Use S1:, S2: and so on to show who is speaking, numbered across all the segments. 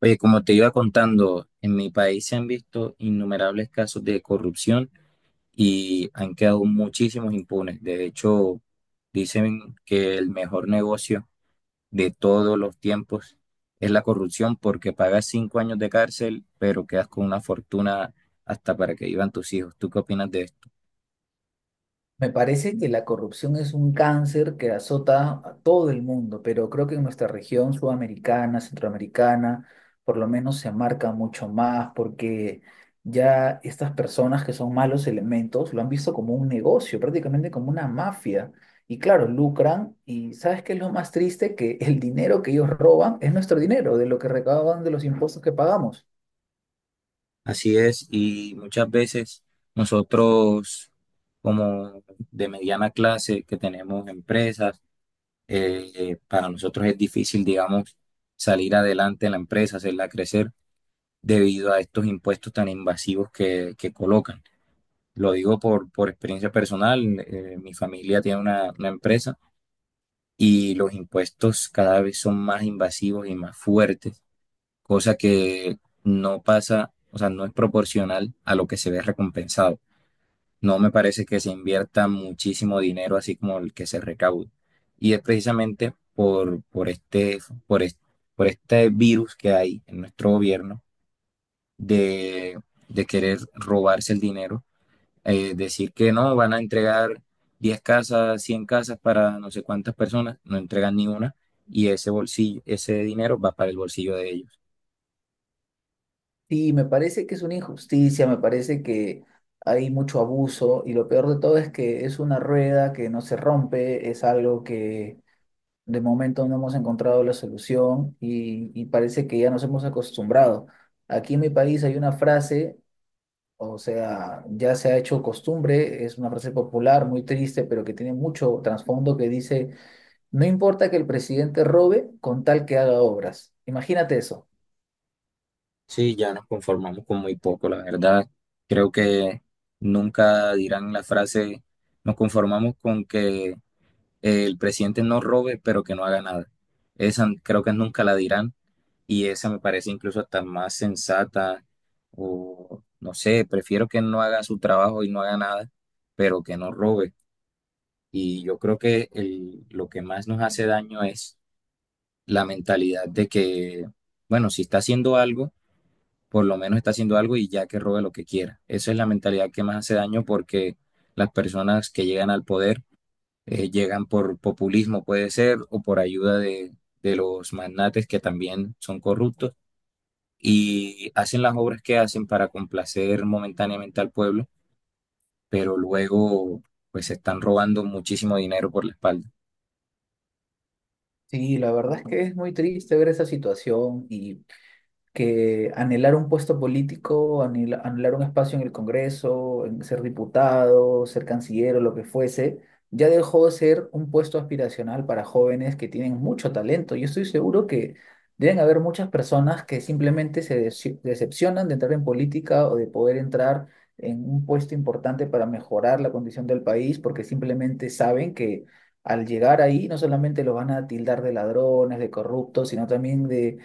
S1: Oye, como te iba contando, en mi país se han visto innumerables casos de corrupción y han quedado muchísimos impunes. De hecho, dicen que el mejor negocio de todos los tiempos es la corrupción porque pagas 5 años de cárcel, pero quedas con una fortuna hasta para que vivan tus hijos. ¿Tú qué opinas de esto?
S2: Me parece que la corrupción es un cáncer que azota a todo el mundo, pero creo que en nuestra región sudamericana, centroamericana, por lo menos se marca mucho más porque ya estas personas que son malos elementos lo han visto como un negocio, prácticamente como una mafia. Y claro, lucran y ¿sabes qué es lo más triste? Que el dinero que ellos roban es nuestro dinero, de lo que recaudan de los impuestos que pagamos.
S1: Así es, y muchas veces nosotros, como de mediana clase, que tenemos empresas, para nosotros es difícil, digamos, salir adelante en la empresa, hacerla crecer debido a estos impuestos tan invasivos que colocan. Lo digo por experiencia personal, mi familia tiene una empresa y los impuestos cada vez son más invasivos y más fuertes, cosa que no pasa, o sea, no es proporcional a lo que se ve recompensado. No me parece que se invierta muchísimo dinero así como el que se recauda. Y es precisamente por este, por este virus que hay en nuestro gobierno de, de querer robarse el dinero. Decir que no, van a entregar 10 casas, 100 casas para no sé cuántas personas, no entregan ni una y ese bolsillo, ese dinero va para el bolsillo de ellos.
S2: Sí, me parece que es una injusticia, me parece que hay mucho abuso y lo peor de todo es que es una rueda que no se rompe, es algo que de momento no hemos encontrado la solución y parece que ya nos hemos acostumbrado. Aquí en mi país hay una frase, o sea, ya se ha hecho costumbre, es una frase popular, muy triste, pero que tiene mucho trasfondo, que dice: no importa que el presidente robe con tal que haga obras. Imagínate eso.
S1: Sí, ya nos conformamos con muy poco, la verdad. Creo que nunca dirán la frase, nos conformamos con que el presidente no robe, pero que no haga nada. Esa creo que nunca la dirán y esa me parece incluso hasta más sensata o no sé, prefiero que no haga su trabajo y no haga nada, pero que no robe. Y yo creo que lo que más nos hace daño es la mentalidad de que, bueno, si está haciendo algo por lo menos está haciendo algo y ya que robe lo que quiera. Esa es la mentalidad que más hace daño porque las personas que llegan al poder llegan por populismo, puede ser, o por ayuda de los magnates que también son corruptos y hacen las obras que hacen para complacer momentáneamente al pueblo, pero luego pues se están robando muchísimo dinero por la espalda.
S2: Sí, la verdad es que es muy triste ver esa situación, y que anhelar un puesto político, anhelar un espacio en el Congreso, en ser diputado, ser canciller o lo que fuese, ya dejó de ser un puesto aspiracional para jóvenes que tienen mucho talento. Yo estoy seguro que deben haber muchas personas que simplemente se decepcionan de entrar en política o de poder entrar en un puesto importante para mejorar la condición del país, porque simplemente saben que al llegar ahí no solamente los van a tildar de ladrones, de corruptos, sino también de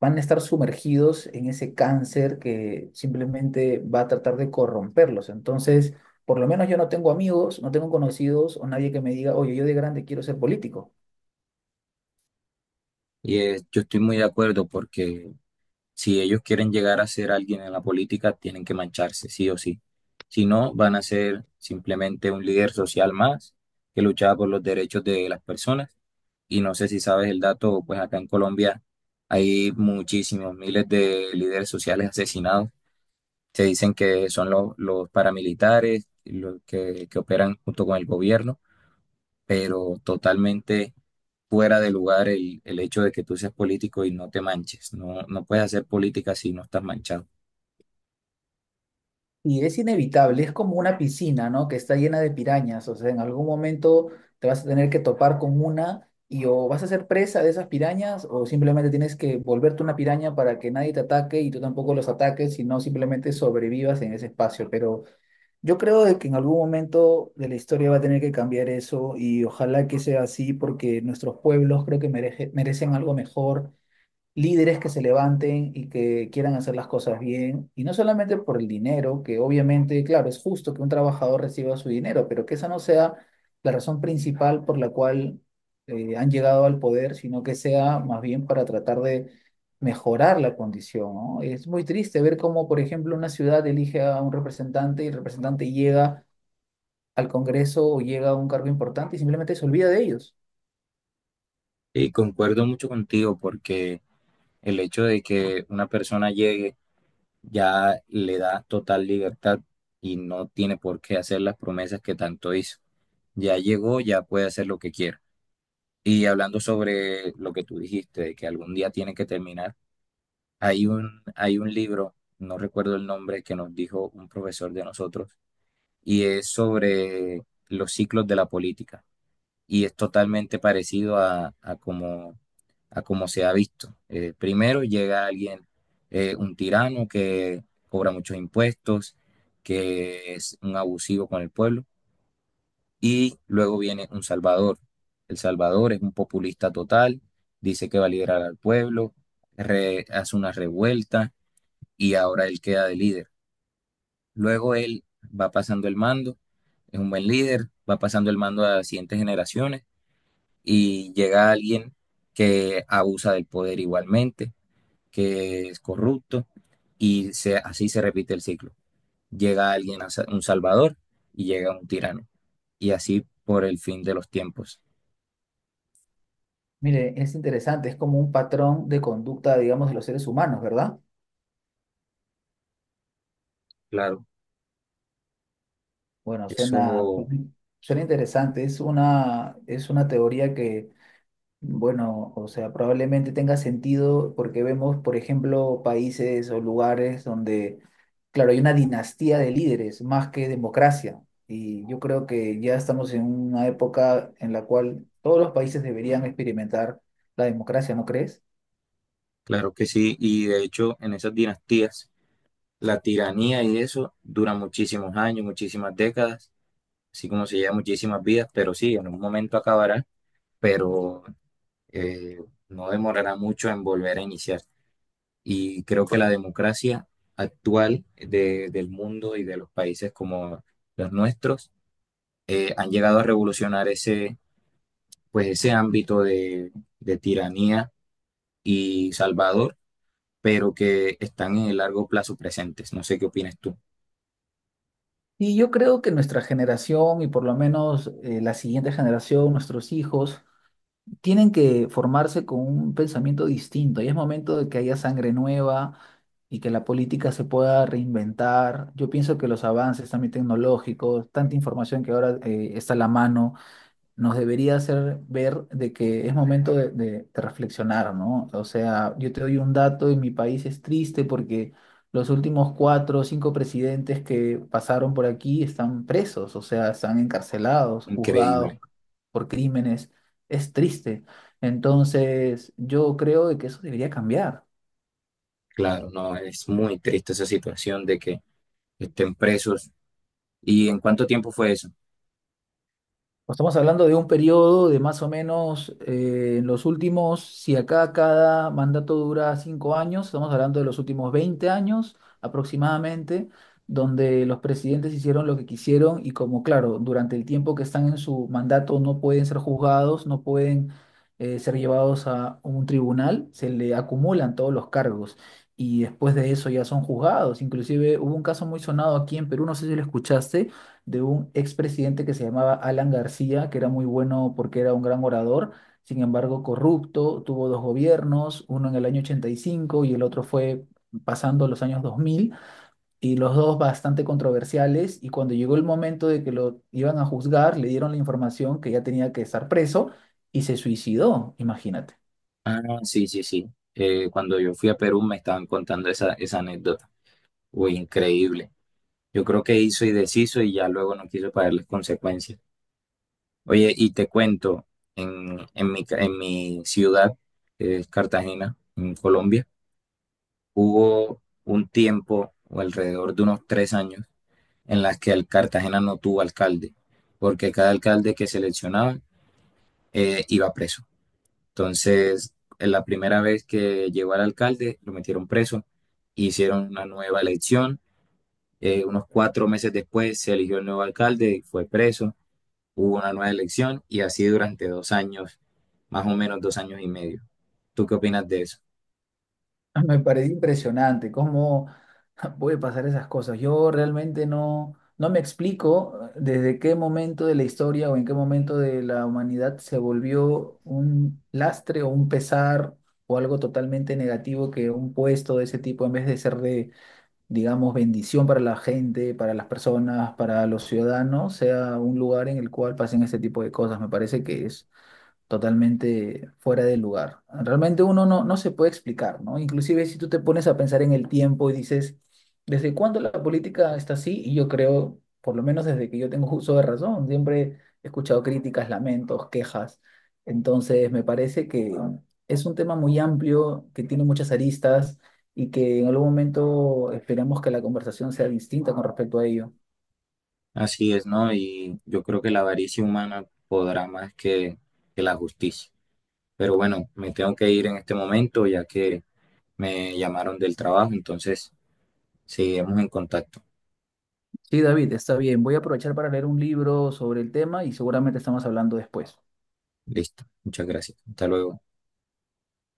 S2: van a estar sumergidos en ese cáncer que simplemente va a tratar de corromperlos. Entonces, por lo menos yo no tengo amigos, no tengo conocidos o nadie que me diga: oye, yo de grande quiero ser político.
S1: Y yo estoy muy de acuerdo porque si ellos quieren llegar a ser alguien en la política, tienen que mancharse, sí o sí. Si no, van a ser simplemente un líder social más que luchaba por los derechos de las personas. Y no sé si sabes el dato, pues acá en Colombia hay muchísimos miles de líderes sociales asesinados. Se dicen que son los paramilitares, los que operan junto con el gobierno, pero totalmente fuera de lugar el hecho de que tú seas político y no te manches. No, no puedes hacer política si no estás manchado.
S2: Y es inevitable, es como una piscina, ¿no? Que está llena de pirañas, o sea, en algún momento te vas a tener que topar con una y o vas a ser presa de esas pirañas o simplemente tienes que volverte una piraña para que nadie te ataque y tú tampoco los ataques, sino simplemente sobrevivas en ese espacio. Pero yo creo de que en algún momento de la historia va a tener que cambiar eso, y ojalá que sea así porque nuestros pueblos creo que merecen algo mejor, líderes que se levanten y que quieran hacer las cosas bien, y no solamente por el dinero, que obviamente, claro, es justo que un trabajador reciba su dinero, pero que esa no sea la razón principal por la cual han llegado al poder, sino que sea más bien para tratar de mejorar la condición, ¿no? Es muy triste ver cómo, por ejemplo, una ciudad elige a un representante y el representante llega al Congreso o llega a un cargo importante y simplemente se olvida de ellos.
S1: Y concuerdo mucho contigo porque el hecho de que una persona llegue ya le da total libertad y no tiene por qué hacer las promesas que tanto hizo. Ya llegó, ya puede hacer lo que quiera. Y hablando sobre lo que tú dijiste, de que algún día tiene que terminar, hay un libro, no recuerdo el nombre, que nos dijo un profesor de nosotros, y es sobre los ciclos de la política. Y es totalmente parecido a como se ha visto. Primero llega alguien, un tirano que cobra muchos impuestos, que es un abusivo con el pueblo, y luego viene un salvador. El salvador es un populista total, dice que va a liderar al pueblo, hace una revuelta y ahora él queda de líder. Luego él va pasando el mando, es un buen líder, va pasando el mando a las siguientes generaciones y llega alguien que abusa del poder igualmente que es corrupto y así se repite el ciclo. Llega alguien, un salvador y llega un tirano y así por el fin de los tiempos.
S2: Mire, es interesante, es como un patrón de conducta, digamos, de los seres humanos, ¿verdad?
S1: Claro,
S2: Bueno, suena,
S1: eso,
S2: suena interesante. Es una teoría que, bueno, o sea, probablemente tenga sentido porque vemos, por ejemplo, países o lugares donde, claro, hay una dinastía de líderes más que democracia. Y yo creo que ya estamos en una época en la cual todos los países deberían experimentar la democracia, ¿no crees?
S1: claro que sí. Y de hecho, en esas dinastías, la tiranía y eso dura muchísimos años, muchísimas décadas, así como se lleva muchísimas vidas, pero sí, en un momento acabará, pero eh, no demorará mucho en volver a iniciar. Y creo que la democracia actual del mundo y de los países como los nuestros han llegado a revolucionar ese, pues ese ámbito de tiranía y Salvador, pero que están en el largo plazo presentes. No sé qué opinas tú.
S2: Y yo creo que nuestra generación y por lo menos la siguiente generación, nuestros hijos, tienen que formarse con un pensamiento distinto y es momento de que haya sangre nueva y que la política se pueda reinventar. Yo pienso que los avances también tecnológicos, tanta información que ahora está a la mano, nos debería hacer ver de que es momento de reflexionar, ¿no? O sea, yo te doy un dato y mi país es triste porque los últimos cuatro o cinco presidentes que pasaron por aquí están presos, o sea, están encarcelados, juzgados
S1: Increíble.
S2: por crímenes. Es triste. Entonces, yo creo de que eso debería cambiar.
S1: Claro, no, es muy triste esa situación de que estén presos. ¿Y en cuánto tiempo fue eso?
S2: Pues estamos hablando de un periodo de más o menos en los últimos, si acá cada mandato dura 5 años, estamos hablando de los últimos 20 años aproximadamente, donde los presidentes hicieron lo que quisieron y, como claro, durante el tiempo que están en su mandato no pueden ser juzgados, no pueden ser llevados a un tribunal, se le acumulan todos los cargos y después de eso ya son juzgados. Inclusive hubo un caso muy sonado aquí en Perú, no sé si lo escuchaste, de un expresidente que se llamaba Alan García, que era muy bueno porque era un gran orador, sin embargo corrupto. Tuvo dos gobiernos, uno en el año 85 y cinco y el otro fue pasando los años 2000, y los dos bastante controversiales, y cuando llegó el momento de que lo iban a juzgar, le dieron la información que ya tenía que estar preso y se suicidó, imagínate.
S1: Ah, sí, sí, sí. Cuando yo fui a Perú me estaban contando esa anécdota. Uy, increíble. Yo creo que hizo y deshizo y ya luego no quiso pagar las consecuencias. Oye, y te cuento, en mi ciudad, que es Cartagena, en Colombia, hubo un tiempo, o alrededor de unos 3 años, en las que el Cartagena no tuvo alcalde, porque cada alcalde que seleccionaban iba preso. Entonces, en la primera vez que llegó al alcalde, lo metieron preso, hicieron una nueva elección, unos 4 meses después se eligió el nuevo alcalde y fue preso. Hubo una nueva elección y así durante 2 años, más o menos 2 años y medio. ¿Tú qué opinas de eso?
S2: Me parece impresionante cómo puede pasar esas cosas. Yo realmente no, no me explico desde qué momento de la historia o en qué momento de la humanidad se volvió un lastre o un pesar o algo totalmente negativo que un puesto de ese tipo, en vez de ser de, digamos, bendición para la gente, para las personas, para los ciudadanos, sea un lugar en el cual pasen ese tipo de cosas. Me parece que totalmente fuera de lugar. Realmente uno no, no se puede explicar, ¿no? Inclusive si tú te pones a pensar en el tiempo y dices: ¿desde cuándo la política está así? Y yo creo, por lo menos desde que yo tengo uso de razón, siempre he escuchado críticas, lamentos, quejas. Entonces, me parece que es un tema muy amplio, que tiene muchas aristas y que en algún momento esperemos que la conversación sea distinta con respecto a ello.
S1: Así es, ¿no? Y yo creo que la avaricia humana podrá más que la justicia. Pero bueno, me tengo que ir en este momento ya que me llamaron del trabajo, entonces seguimos en contacto.
S2: Sí, David, está bien. Voy a aprovechar para leer un libro sobre el tema y seguramente estamos hablando después.
S1: Listo, muchas gracias. Hasta luego.